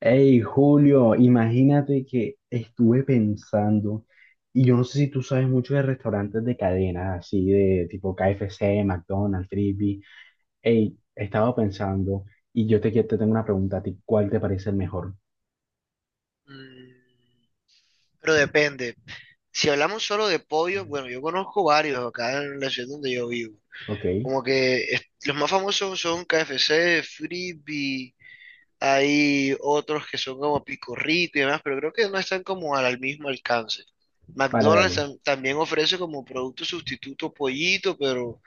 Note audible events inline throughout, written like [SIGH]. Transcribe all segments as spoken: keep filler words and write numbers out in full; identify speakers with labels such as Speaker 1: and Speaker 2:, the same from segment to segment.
Speaker 1: Hey, Julio, imagínate que estuve pensando, y yo no sé si tú sabes mucho de restaurantes de cadenas, así de tipo K F C, McDonald's, Frisby. Hey, estaba pensando, y yo te, quie- te tengo una pregunta a ti, ¿cuál te parece el mejor?
Speaker 2: Mm, Pero depende. Si hablamos solo de pollo, bueno, yo conozco varios acá en la ciudad donde yo vivo.
Speaker 1: Ok,
Speaker 2: Como que es- los más famosos son K F C, Frisbee, hay otros que son como Pico Rico y demás, pero creo que no están como al, al mismo alcance.
Speaker 1: vale,
Speaker 2: McDonald's
Speaker 1: dale.
Speaker 2: tam- también ofrece como producto sustituto pollito, pero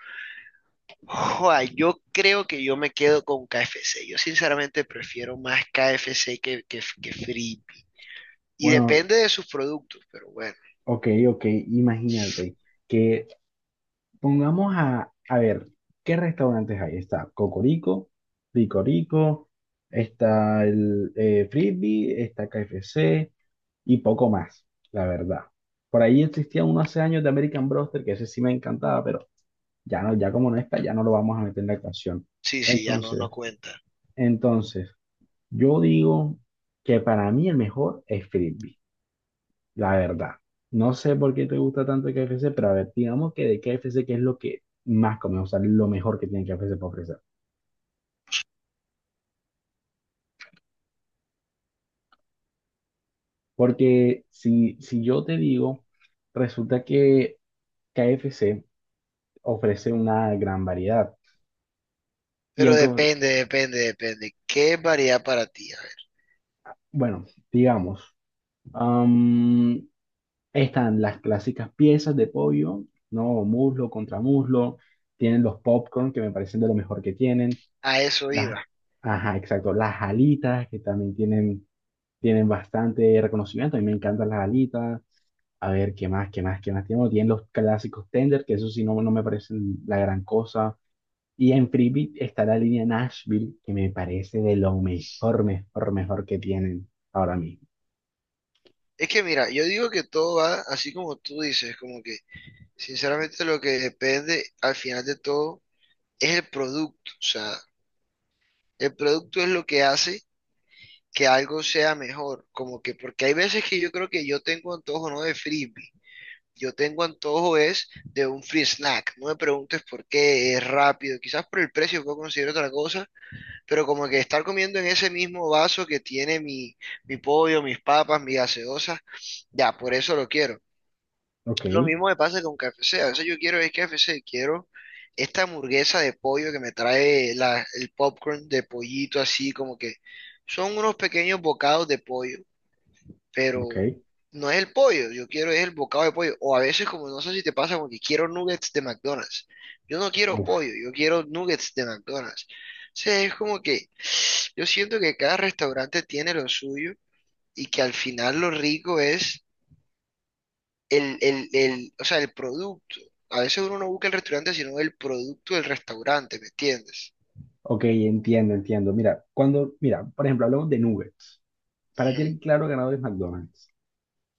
Speaker 2: joa, yo creo que yo me quedo con K F C. Yo sinceramente prefiero más K F C que, que, que Frisbee. Y
Speaker 1: Bueno,
Speaker 2: depende de sus productos, pero bueno.
Speaker 1: ok, ok, imagínate que Pongamos a, a ver, ¿qué restaurantes hay? Está Cocorico, Ricorico, está el eh, Frisbee, está K F C y poco más, la verdad. Por ahí existía uno hace años de American Broster, que ese sí me encantaba, pero ya no, ya como no está, ya no lo vamos a meter en la ecuación.
Speaker 2: Sí, sí, ya no, no
Speaker 1: Entonces,
Speaker 2: cuenta.
Speaker 1: entonces, yo digo que para mí el mejor es Frisbee. La verdad, no sé por qué te gusta tanto el K F C, pero a ver, digamos que de K F C, ¿qué es lo que más comemos? O sea, lo mejor que tiene K F C para ofrecer. Porque si, si yo te digo, resulta que K F C ofrece una gran variedad. Y
Speaker 2: Pero
Speaker 1: aunque,
Speaker 2: depende, depende, depende. ¿Qué es variedad para ti? A ver,
Speaker 1: bueno, digamos, am, están las clásicas piezas de pollo, ¿no? Muslo contra muslo. Tienen los popcorn, que me parecen de lo mejor que tienen.
Speaker 2: a eso iba.
Speaker 1: Las, ajá, exacto. Las alitas, que también tienen tienen bastante reconocimiento. A mí me encantan las alitas. A ver, ¿qué más, qué más, qué más tenemos? Tienen los clásicos tender, que eso sí no, no me parecen la gran cosa. Y en Freebie está la línea Nashville, que me parece de lo mejor, mejor, mejor que tienen ahora mismo.
Speaker 2: Es que mira, yo digo que todo va así como tú dices, como que sinceramente lo que depende al final de todo es el producto. O sea, el producto es lo que hace que algo sea mejor. Como que, porque hay veces que yo creo que yo tengo antojo no de frisbee, yo tengo antojo es de un free snack. No me preguntes por qué es rápido, quizás por el precio puedo conseguir otra cosa, pero como que estar comiendo en ese mismo vaso que tiene mi, mi pollo, mis papas, mi gaseosa, ya, por eso lo quiero.
Speaker 1: Ok,
Speaker 2: Lo mismo me pasa con K F C, a veces yo quiero es K F C, quiero esta hamburguesa de pollo que me trae la- el popcorn de pollito así, como que son unos pequeños bocados de pollo,
Speaker 1: ok.
Speaker 2: pero no es el pollo, yo quiero es el bocado de pollo. O a veces, como no sé si te pasa, porque quiero nuggets de McDonald's. Yo no quiero
Speaker 1: Uf,
Speaker 2: pollo, yo quiero nuggets de McDonald's. O sea, es como que yo siento que cada restaurante tiene lo suyo y que al final lo rico es el, el, el, o sea, el producto. A veces uno no busca el restaurante, sino el producto del restaurante, ¿me entiendes?
Speaker 1: ok, entiendo, entiendo. Mira, cuando, mira, por ejemplo, hablamos de nuggets. Para ti
Speaker 2: Ujú.
Speaker 1: el claro ganador es McDonald's.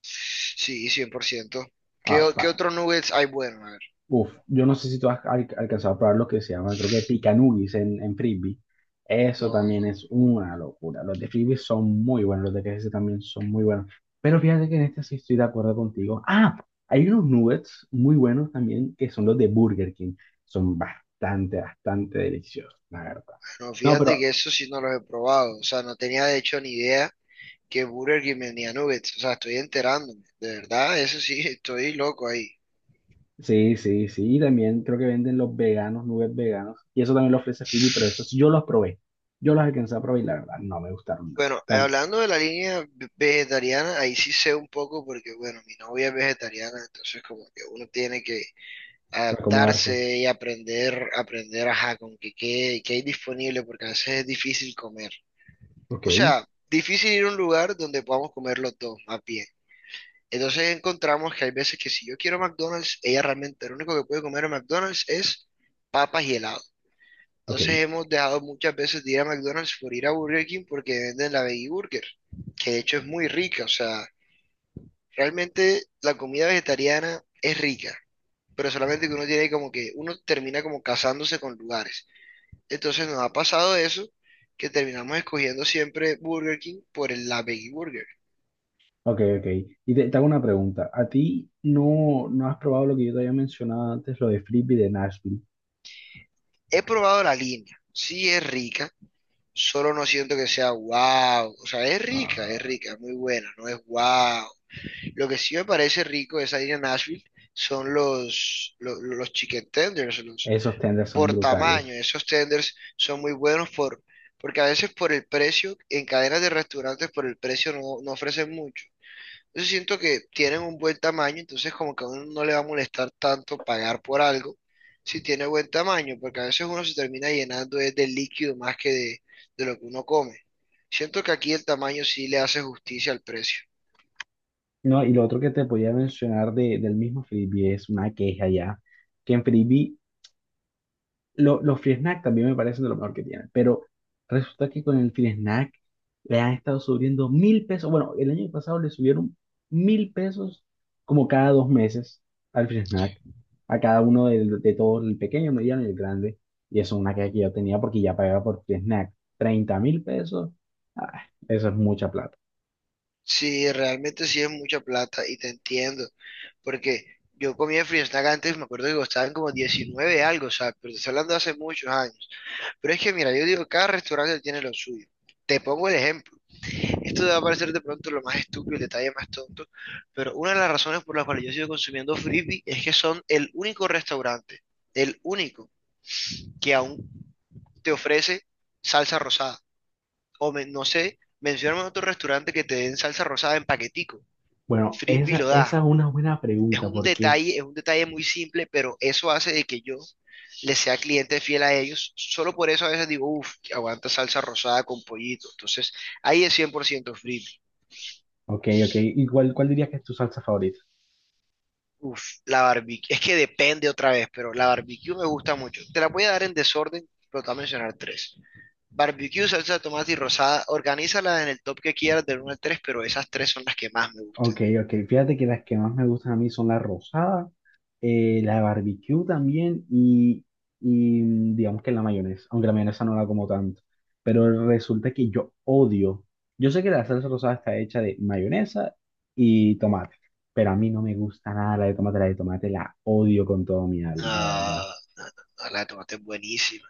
Speaker 2: Sí, cien por ciento. ¿Qué,
Speaker 1: Ah,
Speaker 2: o- qué
Speaker 1: pa-
Speaker 2: otros nuggets hay bueno? A ver.
Speaker 1: uf, yo no sé si tú has al- alcanzado a probar lo que se llama, creo que picanugis en, en frisbee. Eso
Speaker 2: No,
Speaker 1: también
Speaker 2: no.
Speaker 1: es una locura. Los de frisbee son muy buenos, los de K F C también son muy buenos. Pero fíjate que en este sí estoy de acuerdo contigo. Ah, hay unos nuggets muy buenos también que son los de Burger King. Son bastante, bastante deliciosos, la verdad.
Speaker 2: No,
Speaker 1: No,
Speaker 2: fíjate
Speaker 1: pero
Speaker 2: que eso sí no los he probado. O sea, no tenía de hecho ni idea que Burger King vendía nuggets. O sea, estoy enterándome. De verdad, eso sí, [LAUGHS] estoy loco ahí.
Speaker 1: sí, sí, sí. Y también creo que venden los veganos, nuggets veganos. Y eso también lo ofrece frisbee, pero esos yo los probé. Yo los alcancé a probar y la verdad no me gustaron nada.
Speaker 2: Bueno, eh,
Speaker 1: Tanto
Speaker 2: hablando de la línea ve- vegetariana, ahí sí sé un poco porque, bueno, mi novia es vegetariana, entonces como que uno tiene que
Speaker 1: para acomodarse.
Speaker 2: adaptarse y aprender, aprender, ajá, con que qué, qué hay disponible, porque a veces es difícil comer.
Speaker 1: Ok,
Speaker 2: O sea, difícil ir a un lugar donde podamos comer los dos, más bien. Entonces encontramos que hay veces que si yo quiero McDonald's, ella realmente lo único que puede comer en McDonald's es papas y helado.
Speaker 1: ok,
Speaker 2: Entonces hemos dejado muchas veces de ir a McDonald's por ir a Burger King porque venden la Veggie Burger, que de hecho es muy rica. O sea, realmente la comida vegetariana es rica, pero solamente que uno tiene como que uno termina como casándose con lugares. Entonces nos ha pasado eso, que terminamos escogiendo siempre Burger King por el- la Veggie Burger.
Speaker 1: ok, ok. Y te, te hago una pregunta. ¿A ti no, no has probado lo que yo te había mencionado antes, lo de Frisbee de Nashville?
Speaker 2: He probado la línea, sí es rica, solo no siento que sea wow. O sea, es rica, es
Speaker 1: Ah,
Speaker 2: rica, muy buena, no es wow. Lo que sí me parece rico de esa línea Nashville son los, los, los chicken tenders, los
Speaker 1: esos tenders son
Speaker 2: por tamaño.
Speaker 1: brutales.
Speaker 2: Esos tenders son muy buenos por, porque a veces por el precio, en cadenas de restaurantes por el precio no, no ofrecen mucho. Yo siento que tienen un buen tamaño, entonces como que a uno no le va a molestar tanto pagar por algo si tiene buen tamaño, porque a veces uno se termina llenando es de líquido más que de, de lo que uno come. Siento que aquí el tamaño sí le hace justicia al precio.
Speaker 1: No, y lo otro que te podía mencionar de, del mismo Frisbee es una queja ya, que en Frisbee lo- los free snack también me parecen de lo mejor que tienen, pero resulta que con el free snack le han estado subiendo mil pesos. Bueno, el año pasado le subieron mil pesos como cada dos meses al free snack, a cada uno de, de todos, el pequeño, mediano y el grande. Y eso es una queja que yo tenía porque ya pagaba por free snack treinta mil pesos. Ah, eso es mucha plata.
Speaker 2: Sí, realmente sí es mucha plata y te entiendo, porque yo comía free snack antes, me acuerdo que costaban como diecinueve algo, o sea, pero te estoy hablando de hace muchos años. Pero es que mira, yo digo, cada restaurante tiene lo suyo. Te pongo el ejemplo. Esto te va a parecer de pronto lo más estúpido, el detalle más tonto, pero una de las razones por las cuales yo sigo consumiendo Frisby es que son el único restaurante, el único que aún te ofrece salsa rosada. O me- no sé, mencióname otro restaurante que te den salsa rosada en paquetico.
Speaker 1: Bueno,
Speaker 2: Frisby
Speaker 1: esa,
Speaker 2: lo da.
Speaker 1: esa es una buena
Speaker 2: Es
Speaker 1: pregunta
Speaker 2: un
Speaker 1: porque,
Speaker 2: detalle, es un detalle muy simple, pero eso hace de que yo le sea cliente fiel a ellos. Solo por eso a veces digo, uff, aguanta salsa rosada con pollito. Entonces, ahí es cien por ciento Frisby.
Speaker 1: ok, ok, ¿y cuál, cuál dirías que es tu salsa favorita?
Speaker 2: Uf, la barbecue. Es que depende otra vez, pero la barbecue me gusta mucho. Te la voy a dar en desorden, pero te voy a mencionar tres. Barbecue, salsa de tomate y rosada. Organízala en el top que quieras del uno al tres, pero esas tres son las que más me gustan.
Speaker 1: Ok, ok. Fíjate que las que más me gustan a mí son la rosada, eh, la barbecue también y, y, mm, digamos que la mayonesa, aunque la mayonesa no la como tanto, pero resulta que yo odio, yo sé que la salsa rosada está hecha de mayonesa y tomate, pero a mí no me gusta nada la de tomate, la de tomate la odio con todo mi alma, la verdad.
Speaker 2: Ah, la de tomate es buenísima.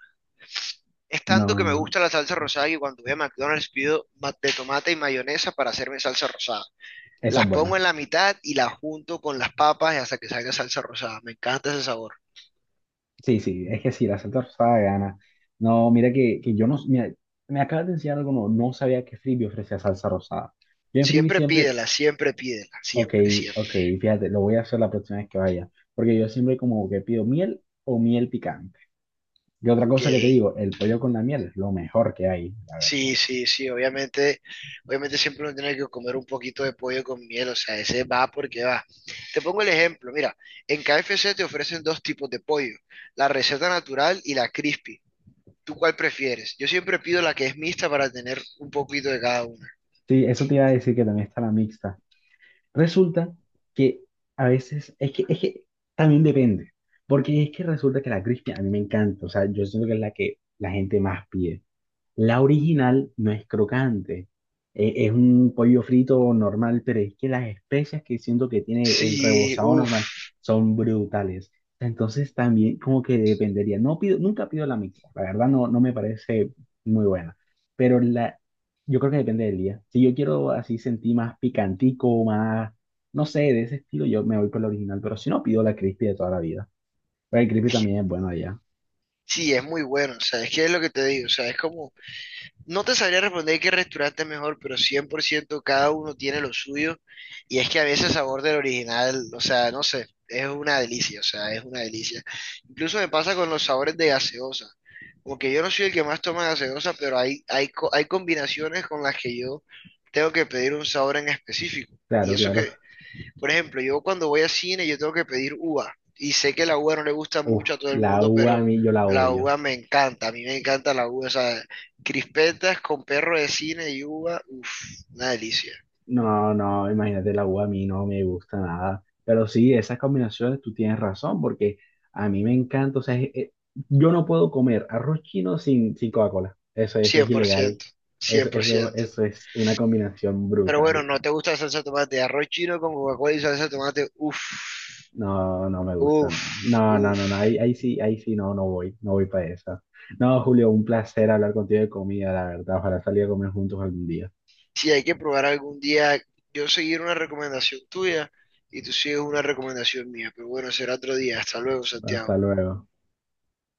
Speaker 2: Es tanto que me
Speaker 1: No,
Speaker 2: gusta la salsa rosada que cuando voy a McDonald's pido ma- de tomate y mayonesa para hacerme salsa rosada.
Speaker 1: esa
Speaker 2: Las
Speaker 1: es
Speaker 2: pongo
Speaker 1: buena.
Speaker 2: en la mitad y las junto con las papas hasta que salga salsa rosada. Me encanta ese sabor.
Speaker 1: Sí, sí, es que sí, la salsa rosada gana. No, mira que, que yo no, mira, me acabas de enseñar algo, no, no sabía que Frisbee ofrecía salsa rosada. Yo en Frisbee
Speaker 2: Siempre
Speaker 1: siempre.
Speaker 2: pídela, siempre pídela,
Speaker 1: Ok,
Speaker 2: siempre,
Speaker 1: ok,
Speaker 2: siempre.
Speaker 1: fíjate, lo voy a hacer la próxima vez que vaya, porque yo siempre como que pido miel o miel picante. Y otra
Speaker 2: Ok.
Speaker 1: cosa que te digo, el pollo con la miel es lo mejor que hay, la verdad.
Speaker 2: Sí, sí, sí, obviamente, obviamente siempre uno tiene que comer un poquito de pollo con miel, o sea, ese va porque va. Te pongo el ejemplo, mira, en K F C te ofrecen dos tipos de pollo, la receta natural y la crispy. ¿Tú cuál prefieres? Yo siempre pido la que es mixta para tener un poquito de cada una.
Speaker 1: Sí, eso te iba a decir que también está la mixta. Resulta que a veces, es que, es que también depende, porque es que resulta que la crispy a mí me encanta, o sea, yo siento que es la que la gente más pide. La original no es crocante, e- es un pollo frito normal, pero es que las especias que siento que tiene el
Speaker 2: Sí,
Speaker 1: rebozado normal
Speaker 2: uff,
Speaker 1: son brutales. Entonces también como que dependería. No pido, nunca pido la mixta, la verdad no, no me parece muy buena, pero la, yo creo que depende del día. Si yo quiero así sentir más picantico, más, no sé, de ese estilo, yo me voy por la original, pero si no pido la crispy de toda la vida. Pero el crispy también es bueno allá.
Speaker 2: sí, es muy bueno, o sea, es que es lo que te digo, o sea, es como no te sabría responder qué restaurante es mejor, pero cien por ciento cada uno tiene lo suyo. Y es que a veces el sabor del original, o sea, no sé, es una delicia, o sea, es una delicia. Incluso me pasa con los sabores de gaseosa. Como que yo no soy el que más toma gaseosa, pero hay, hay, co- hay combinaciones con las que yo tengo que pedir un sabor en específico. Y
Speaker 1: Claro,
Speaker 2: eso
Speaker 1: claro.
Speaker 2: que por ejemplo, yo cuando voy al cine yo tengo que pedir uva y sé que la uva no le gusta
Speaker 1: Uf,
Speaker 2: mucho a todo el
Speaker 1: la
Speaker 2: mundo,
Speaker 1: uva a
Speaker 2: pero
Speaker 1: mí yo la
Speaker 2: la
Speaker 1: odio.
Speaker 2: uva me encanta, a mí me encanta la uva, o sea, crispetas con perro de cine y uva, uff, una delicia,
Speaker 1: No, no, imagínate, la uva a mí no me gusta nada. Pero sí, esas combinaciones tú tienes razón, porque a mí me encanta. O sea, es- es- yo no puedo comer arroz chino sin, sin Coca-Cola. Eso,
Speaker 2: cien
Speaker 1: eso es
Speaker 2: cien por
Speaker 1: ilegal.
Speaker 2: ciento,
Speaker 1: Eso,
Speaker 2: cien por
Speaker 1: eso,
Speaker 2: ciento.
Speaker 1: eso es una combinación
Speaker 2: Pero bueno,
Speaker 1: brutal.
Speaker 2: ¿no te gusta la salsa de tomate? Arroz chino con Coca-Cola y salsa de tomate, uff,
Speaker 1: No, no me gusta
Speaker 2: uff,
Speaker 1: nada. No, no, no,
Speaker 2: uff.
Speaker 1: no. Ahí, ahí sí, ahí sí no, no voy. No voy para esa. No, Julio, un placer hablar contigo de comida, la verdad. Ojalá salir a comer juntos algún día.
Speaker 2: Si hay que probar algún día, yo seguir una recomendación tuya y tú sigues una recomendación mía, pero bueno, será otro día. Hasta luego, Santiago.
Speaker 1: Hasta luego.